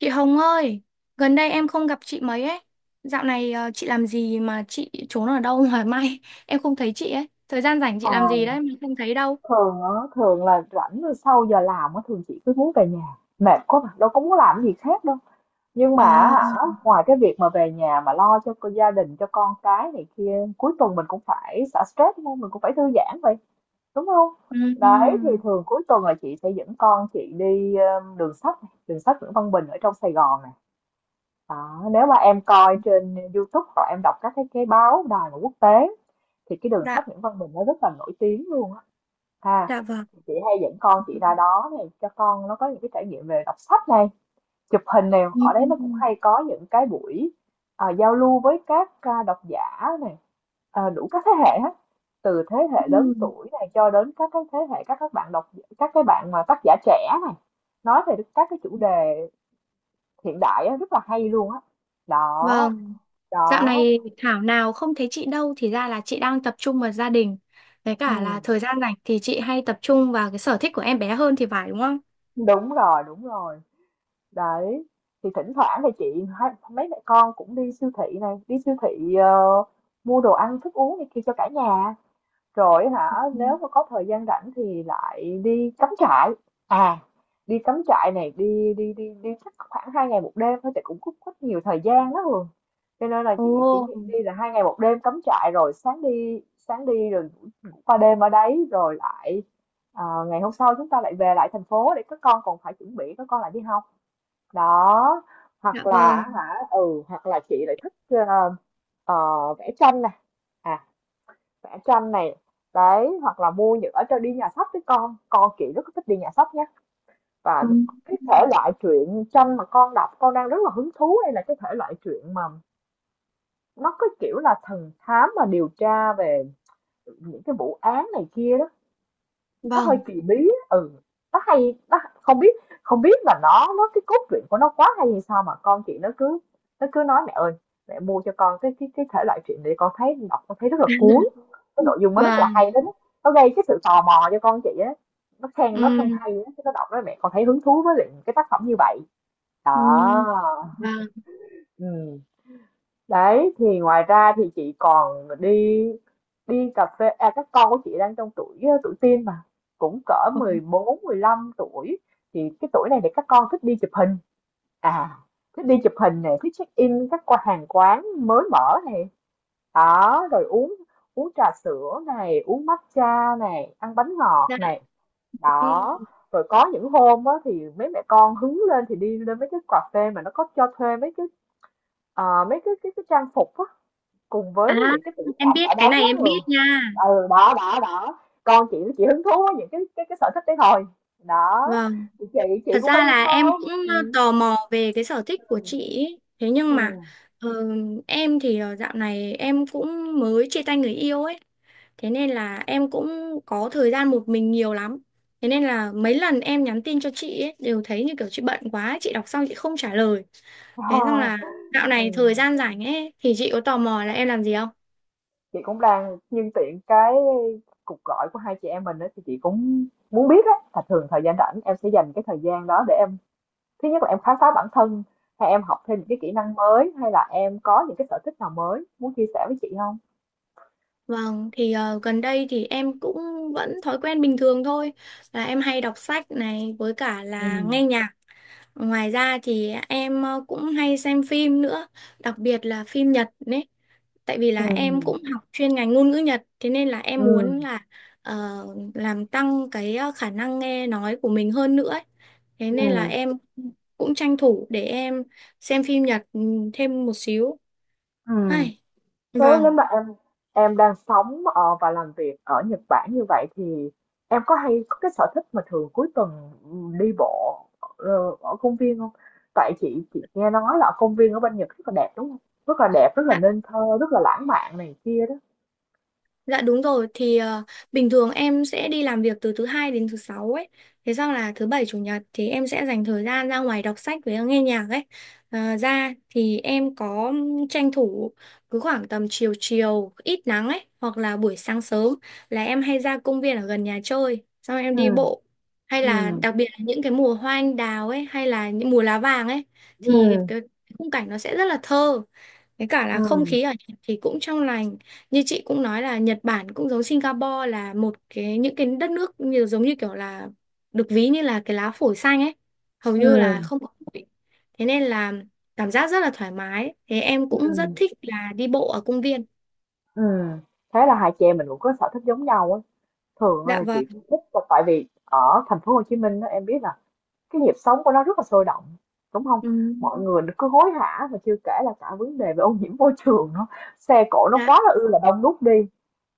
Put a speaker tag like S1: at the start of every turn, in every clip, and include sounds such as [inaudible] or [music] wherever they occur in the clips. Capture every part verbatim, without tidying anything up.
S1: Chị Hồng ơi, gần đây em không gặp chị mấy ấy. Dạo này ờ, chị làm gì mà chị trốn ở đâu mà mai [laughs] em không thấy chị ấy. Thời gian rảnh chị
S2: Ờ,
S1: làm gì đấy mà không thấy đâu.
S2: thường á, thường là rảnh rồi sau giờ làm á, thường chị cứ muốn về nhà, mệt quá mà, đâu có muốn làm cái gì khác đâu. Nhưng mà
S1: Ồ.
S2: á hả, ngoài cái việc mà về nhà mà lo cho cô- gia đình, cho con cái này kia, cuối tuần mình cũng phải xả stress đúng không? Mình cũng phải thư giãn vậy, đúng không? Đấy, thì
S1: Ừm.
S2: thường cuối tuần là chị sẽ dẫn con chị đi ờ, đường sách, này, đường sách Nguyễn Văn Bình ở trong Sài Gòn này. Đó, nếu mà em coi trên YouTube hoặc em đọc các cái cái báo đài mà quốc tế thì cái đường sách
S1: Dạ.
S2: Nguyễn Văn Bình nó rất là nổi tiếng luôn á. Ha
S1: Dạ vâng.
S2: chị hay dẫn con chị ra đó này cho con nó có những cái trải nghiệm về đọc sách này, chụp hình này, ở đấy nó cũng
S1: Ừm.
S2: hay có những cái buổi à, giao lưu với các à, độc giả này, à, đủ các thế hệ hết, từ thế hệ lớn
S1: Ừm.
S2: tuổi này cho đến các cái thế hệ các các bạn đọc, các cái bạn mà tác giả trẻ này, nói về các cái chủ đề hiện đại á, rất là hay luôn á. Đó,
S1: Vâng, dạo
S2: đó, đó.
S1: này thảo nào không thấy chị đâu thì ra là chị đang tập trung vào gia đình. Với
S2: Ừ,
S1: cả là thời gian rảnh thì chị hay tập trung vào cái sở thích của em bé hơn thì phải đúng không?
S2: đúng rồi, đúng rồi. Đấy, thì thỉnh thoảng thì chị hai mấy mẹ con cũng đi siêu thị này, đi siêu thị ờ, mua đồ ăn, thức uống này kia cho cả nhà. Rồi hả, nếu
S1: Ừm.
S2: mà có thời gian rảnh thì lại đi cắm trại. À, đi cắm trại này, đi đi đi đi chắc khoảng hai ngày một đêm thôi, chị cũng có có nhiều thời gian đó Hường. Cho nên là chị chỉ
S1: Ồ.
S2: nghĩ đi là hai ngày một đêm cắm trại, rồi sáng đi sáng đi rồi ngủ, ngủ qua đêm ở đấy rồi lại ờ, ngày hôm sau chúng ta lại về lại thành phố để các con còn phải chuẩn bị, các con lại đi học. Đó,
S1: Dạ
S2: hoặc là
S1: vâng.
S2: hả, ừ, hoặc là chị lại thích ờ, ờ, vẽ tranh này, à, vẽ tranh này, đấy, hoặc là mua những ở trên đi nhà sách với con con chị rất thích đi nhà sách nhé. Và
S1: Ừm.
S2: cái thể loại truyện tranh mà con đọc, con đang rất là hứng thú, đây là cái thể loại truyện mà nó có kiểu là thần thám mà điều tra về những cái vụ án này kia đó. Nó hơi
S1: Vâng.
S2: kỳ bí, ừ, nó hay, nó không biết, không biết là nó nó cái cốt truyện của nó quá hay hay sao mà con chị nó cứ nó cứ nói mẹ ơi, mẹ mua cho con cái cái cái thể loại truyện để con thấy, đọc con thấy rất là cuốn,
S1: [laughs]
S2: cái nội dung nó rất là
S1: Vâng.
S2: hay đó, nó gây cái sự tò mò cho con chị á, nó khen nó khen
S1: Ừ,
S2: hay á, cái nó đọc nói mẹ con thấy hứng thú với lại cái tác phẩm như vậy.
S1: ừ,
S2: Đó,
S1: vâng.
S2: ừ, đấy, thì ngoài ra thì chị còn đi, đi cà phê, à, các con của chị đang trong tuổi ờ, tuổi teen mà, cũng cỡ
S1: Ồ.
S2: mười bốn mười lăm tuổi, thì cái tuổi này để các con thích đi chụp hình, à, thích đi chụp hình này, thích check in các qua hàng quán mới mở này, đó, rồi uống uống trà sữa này, uống matcha này, ăn bánh ngọt
S1: Dạ.
S2: này, đó,
S1: Ừ.
S2: rồi có những hôm á, thì mấy mẹ con hứng lên thì đi lên mấy cái cà phê mà nó có cho thuê mấy cái ờ, mấy cái cái, cái trang phục á, cùng với cái
S1: À,
S2: những cái tiểu
S1: em
S2: cảnh ở
S1: biết cái
S2: đóng đó
S1: này
S2: lắm
S1: em
S2: rồi.
S1: biết nha.
S2: Ừ, đó, đó, đó. Con chị chị hứng thú với những cái cái cái sở thích đấy thôi. Đó,
S1: Vâng,
S2: thì chị chị
S1: thật
S2: cũng
S1: ra
S2: phải đi
S1: là em
S2: theo.
S1: cũng ờ,
S2: Ừ.
S1: tò mò về cái sở thích của chị ý. Thế nhưng
S2: Ừ.
S1: mà ờ, em thì ờ, dạo này em cũng mới chia tay người yêu ấy. Thế nên là em cũng có thời gian một mình nhiều lắm. Thế nên là mấy lần em nhắn tin cho chị ấy, đều thấy như kiểu chị bận quá, ấy, chị đọc xong chị không trả lời.
S2: Ờ.
S1: Thế xong là dạo
S2: Ừ.
S1: này thời gian rảnh ấy thì chị có tò mò là em làm gì không?
S2: Chị cũng đang nhân tiện cái cuộc gọi của hai chị em mình đó, thì chị cũng muốn biết á là thường thời gian rảnh em sẽ dành cái thời gian đó để em, thứ nhất là em khám phá bản thân, hay em học thêm những cái kỹ năng mới, hay là em có những cái sở thích nào mới muốn chia sẻ với chị không?
S1: Vâng, thì ờ, gần đây thì em cũng vẫn thói quen bình thường thôi là em hay đọc sách này với cả
S2: Ừ.
S1: là nghe nhạc. Ngoài ra thì em ờ, cũng hay xem phim nữa, đặc biệt là phim Nhật đấy. Tại vì là em
S2: Ừ.
S1: cũng học chuyên ngành ngôn ngữ Nhật, thế nên là em
S2: Ừ.
S1: muốn là ờ, làm tăng cái ờ, khả năng nghe nói của mình hơn nữa ấy. Thế
S2: Ừ.
S1: nên là em cũng tranh thủ để em xem phim Nhật ừ, thêm một xíu.
S2: Ừ.
S1: Ai,
S2: Thế nếu
S1: vâng.
S2: mà em em đang sống ờ, và làm việc ở Nhật Bản như vậy thì em có hay có cái sở thích mà thường cuối tuần đi bộ ờ, ở công viên không? Tại chị chị nghe nói là công viên ở bên Nhật rất là đẹp đúng không? Rất là đẹp, rất là nên thơ, rất là lãng mạn này kia đó.
S1: Dạ đúng rồi thì ờ, bình thường em sẽ đi làm việc từ thứ hai đến thứ sáu ấy. Thế xong là thứ bảy chủ nhật thì em sẽ dành thời gian ra ngoài đọc sách với nghe nhạc ấy. Ờ, ra thì em có tranh thủ cứ khoảng tầm chiều chiều ít nắng ấy hoặc là buổi sáng sớm là em hay ra công viên ở gần nhà chơi xong em
S2: Ừ.
S1: đi bộ hay là
S2: Ừ.
S1: đặc biệt là những cái mùa hoa anh đào ấy hay là những mùa lá vàng ấy
S2: Ừ.
S1: thì cái khung cảnh nó sẽ rất là thơ với cả
S2: Ừ.
S1: là không khí ở Nhật thì cũng trong lành. Như chị cũng nói là Nhật Bản cũng giống Singapore là một cái những cái đất nước như giống như kiểu là được ví như là cái lá phổi xanh ấy, hầu
S2: Ừ.
S1: như là không có bụi. Thế nên là cảm giác rất là thoải mái. Thế em cũng
S2: Ừ.
S1: rất thích là đi bộ ở công viên.
S2: Ừ. Thế là hai chị em mình cũng có sở thích giống nhau á. Thường
S1: Dạ
S2: là chị
S1: vâng.
S2: cũng thích, tại vì ở thành phố Hồ Chí Minh đó, em biết là cái nhịp sống của nó rất là sôi động đúng không,
S1: Ừ,
S2: mọi người cứ hối hả, và chưa kể là cả vấn đề về ô nhiễm môi trường nữa, xe cộ nó
S1: dạ,
S2: quá là ư là đông đúc đi,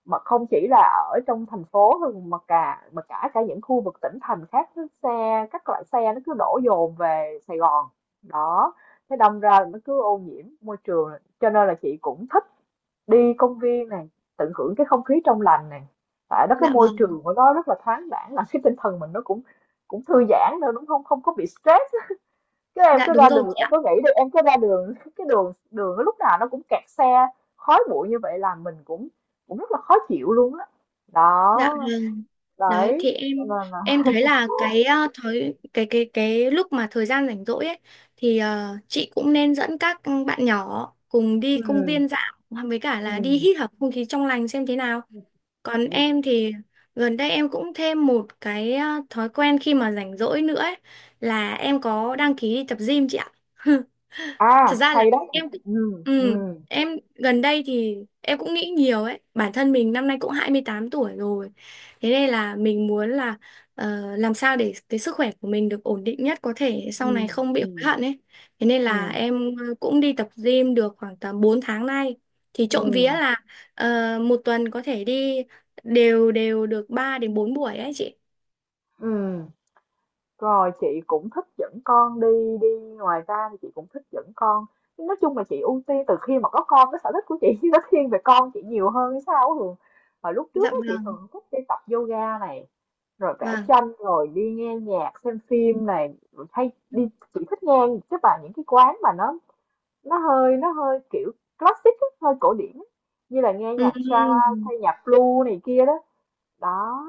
S2: mà không chỉ là ở trong thành phố thôi mà cả mà cả cả những khu vực tỉnh thành khác, xe các loại xe nó cứ đổ dồn về Sài Gòn đó, thế đâm ra nó cứ ô nhiễm môi trường, cho nên là chị cũng thích đi công viên này, tận hưởng cái không khí trong lành này, tại đó cái
S1: dạ
S2: môi
S1: vâng.
S2: trường của nó rất là thoáng đãng, làm cái tinh thần mình nó cũng cũng thư giãn nữa, đúng không? Không có bị stress á. Chứ em
S1: Dạ
S2: cứ ra
S1: đúng
S2: đường
S1: rồi chị
S2: em
S1: ạ.
S2: có nghĩ đi, em cứ ra đường [laughs] cái đường đường nó lúc nào nó cũng kẹt xe, khói bụi như vậy là mình cũng cũng rất là khó chịu luôn á. Đó,
S1: Dạ vâng. Đấy
S2: đấy,
S1: thì em
S2: là là
S1: em thấy là cái ờ, thời cái cái cái lúc mà thời gian rảnh rỗi ấy thì ờ, chị cũng nên dẫn các bạn nhỏ cùng đi công
S2: ừm,
S1: viên dạo với cả là đi
S2: ừm,
S1: hít thở không khí trong lành xem thế nào. Còn
S2: ừm.
S1: em thì gần đây em cũng thêm một cái à, thói quen khi mà rảnh rỗi nữa ấy, là em có đăng ký đi tập gym chị ạ. [laughs]
S2: À,
S1: Thật ra là
S2: hay đó.
S1: em cũng
S2: Ừm,
S1: ừ,
S2: ừm,
S1: em gần đây thì em cũng nghĩ nhiều ấy, bản thân mình năm nay cũng hai mươi tám tuổi rồi. Thế nên là mình muốn là ờ, làm sao để cái sức khỏe của mình được ổn định nhất có thể sau này
S2: ừm,
S1: không bị hối
S2: ừm,
S1: hận ấy. Thế nên là
S2: ừm,
S1: em ờ, cũng đi tập gym được khoảng tầm bốn tháng nay. Thì trộm vía
S2: ừm.
S1: là ờ, một tuần có thể đi đều đều được ba đến bốn buổi ấy chị.
S2: Rồi chị cũng thích dẫn con đi, đi, ngoài ra thì chị cũng thích dẫn con, nói chung là chị ưu tiên từ khi mà có con, cái sở thích của chị [laughs] nó thiên về con chị nhiều hơn hay sao á Hường. Và lúc trước
S1: Dạ
S2: á, chị
S1: vâng.
S2: thường thích đi tập yoga này, rồi vẽ
S1: Vâng.
S2: tranh, rồi đi nghe nhạc xem phim này, rồi hay đi, chị thích nghe các bạn những cái quán mà nó, nó hơi nó hơi kiểu classic á, hơi cổ điển á. Như là nghe
S1: Ừ.
S2: nhạc jazz hay nhạc blues này kia đó, đó,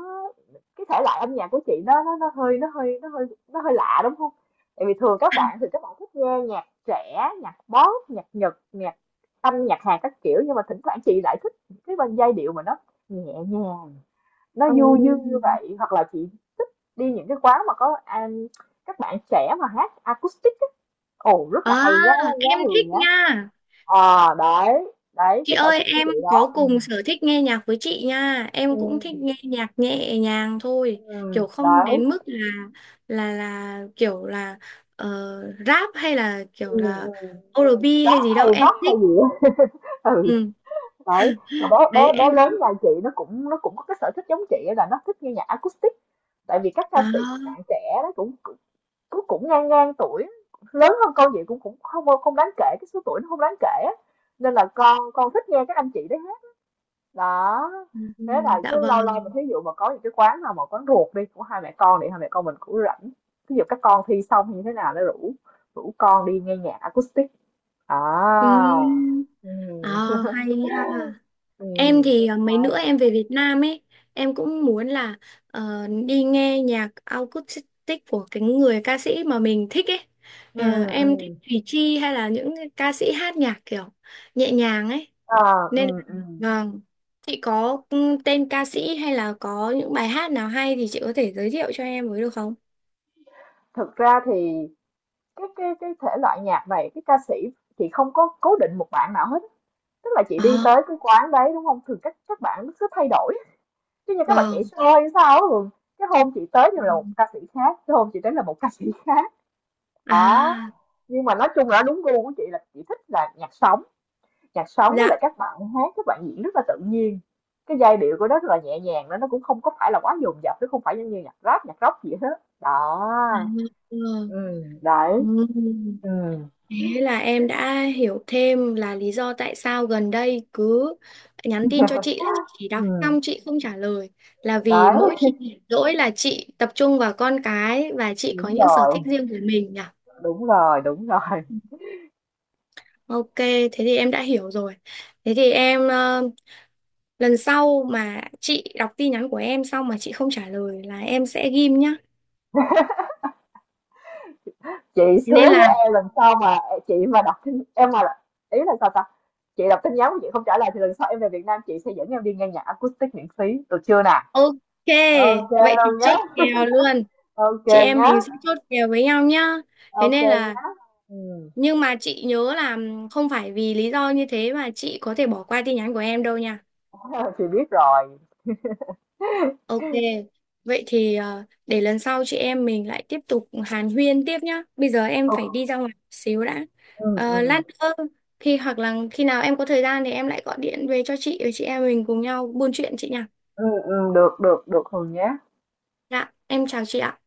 S2: cái thể loại âm nhạc của chị nó nó nó hơi nó hơi nó hơi nó hơi lạ đúng không? Tại vì thường các bạn thì các bạn thích nghe nhạc trẻ, nhạc pop, nhạc Nhật, nhạc Anh, nhạc Hàn các kiểu, nhưng mà thỉnh thoảng chị lại thích cái bên giai điệu mà nó nhẹ nhàng, nó
S1: Ừ.
S2: du dương như vậy, hoặc là chị thích đi những cái quán mà có à, các bạn trẻ mà hát acoustic á. Ồ rất là
S1: À,
S2: hay giá, giá
S1: em thích
S2: Hường nhá.
S1: nha.
S2: Ờ đấy, đấy
S1: Chị
S2: cái sở
S1: ơi,
S2: thích của
S1: em
S2: chị đó.
S1: có
S2: Ừ.
S1: cùng sở thích nghe nhạc với chị nha.
S2: Ừ.
S1: Em cũng thích nghe nhạc nhẹ nhàng
S2: Ừ.
S1: thôi,
S2: Ừ,
S1: kiểu không đến
S2: đấy.
S1: mức là là là kiểu là ờ, rap hay là
S2: Ừ.
S1: kiểu là
S2: Ừ.
S1: o a en bi hay
S2: Rap
S1: gì đâu,
S2: hay
S1: em
S2: Rock hay
S1: thích.
S2: gì á, [laughs] ừ,
S1: Ừ.
S2: đấy. Mà bé bé
S1: Đấy
S2: bé
S1: em.
S2: lớn nhà chị nó cũng nó cũng có cái sở thích giống chị á, là nó thích nghe nhạc acoustic. Tại vì các ca
S1: À,
S2: sĩ các bạn trẻ nó cũng cũng cũng ngang ngang tuổi, lớn hơn con vậy cũng cũng không không đáng kể, cái số tuổi nó không đáng kể á. Nên là con con thích nghe các anh chị đấy hết. Đó.
S1: ừ,
S2: Thế là
S1: dạ
S2: cứ lâu lâu mà
S1: vâng.
S2: thí dụ mà có những cái quán nào mà quán ruột đi của hai mẹ con thì hai mẹ con mình cũng rảnh. Ví dụ các con thi xong như thế nào nó rủ, rủ con đi nghe nhạc acoustic. À.
S1: Ừ.
S2: Ừ.
S1: À, hay ha. Em
S2: Ừm.
S1: thì ờ, mấy nữa em về Việt Nam ấy, em cũng muốn là ờ, đi nghe nhạc acoustic của cái người ca sĩ mà mình thích ấy.
S2: Ừ.
S1: Ờ, em thích
S2: Ừm.
S1: Thùy Chi hay là những cái ca sĩ hát nhạc kiểu nhẹ nhàng ấy.
S2: Ờ,
S1: Nên
S2: ừ,
S1: là
S2: ừ.
S1: vâng, chị có ừ, tên ca sĩ hay là có những bài hát nào hay thì chị có thể giới thiệu cho em với được không?
S2: Thực ra thì cái cái cái thể loại nhạc này, cái ca sĩ chị không có cố định một bạn nào hết, tức là chị đi
S1: Ờ,
S2: tới cái quán đấy, đúng không Thường, các các bạn cứ thay đổi, giống như các bạn nhảy
S1: vâng.
S2: show hay sao á, thường cái hôm chị tới thì là một ca sĩ khác, cái hôm chị tới là một ca sĩ khác, đó.
S1: À,
S2: Nhưng mà nói chung là đúng gu của chị là chị thích là nhạc sống. Nhạc sống với
S1: dạ.
S2: lại các bạn hát, các bạn diễn rất là tự nhiên, cái giai điệu của nó rất là nhẹ nhàng đó, nó cũng không có phải là quá dồn dập, nó không phải giống như nhạc rap nhạc rock gì hết đó.
S1: Ừ.
S2: Ừ, đấy.
S1: Ừ.
S2: Ừ,
S1: Thế là em đã hiểu thêm là lý do tại sao gần đây cứ nhắn tin cho chị là chị chỉ đọc
S2: ừ,
S1: xong chị không trả lời là vì
S2: đấy.
S1: mỗi khi rảnh rỗi là chị tập trung vào con cái và chị có
S2: Đúng
S1: những sở
S2: rồi,
S1: thích riêng của mình nhỉ.
S2: đúng rồi, đúng rồi.
S1: Ok, thế thì em đã hiểu rồi. Thế thì em ờ, lần sau mà chị đọc tin nhắn của em xong mà chị không trả lời là em sẽ ghim nhá.
S2: Chị
S1: Thế nên
S2: hứa với
S1: là
S2: em lần sau mà chị mà đọc tin- em mà là- ý là sao ta, chị đọc tin nhắn mà chị không trả lời thì lần sau em về Việt Nam chị sẽ dẫn em đi nghe nhạc acoustic miễn phí được chưa nè.
S1: ok,
S2: Ok
S1: vậy thì
S2: luôn nhé.
S1: chốt kèo luôn.
S2: Ok
S1: Chị em
S2: nhé.
S1: mình sẽ chốt kèo với nhau nhá. Thế
S2: Ok
S1: nên là
S2: nhé. Ừ.
S1: nhưng mà chị nhớ là không phải vì lý do như thế mà chị có thể bỏ qua tin nhắn của em đâu nha.
S2: [laughs] chị biết rồi.
S1: Ok, vậy thì ờ, để lần sau chị em mình lại tiếp tục hàn huyên tiếp nhá. Bây giờ em
S2: Ừ,
S1: phải đi ra ngoài một xíu đã.
S2: ừ,
S1: Ờ,
S2: ừ,
S1: lát nữa khi hoặc là khi nào em có thời gian thì em lại gọi điện về cho chị và chị em mình cùng nhau buôn chuyện chị nha.
S2: ừ, ừ, được, được, được Hường nhé.
S1: Dạ, em chào chị ạ.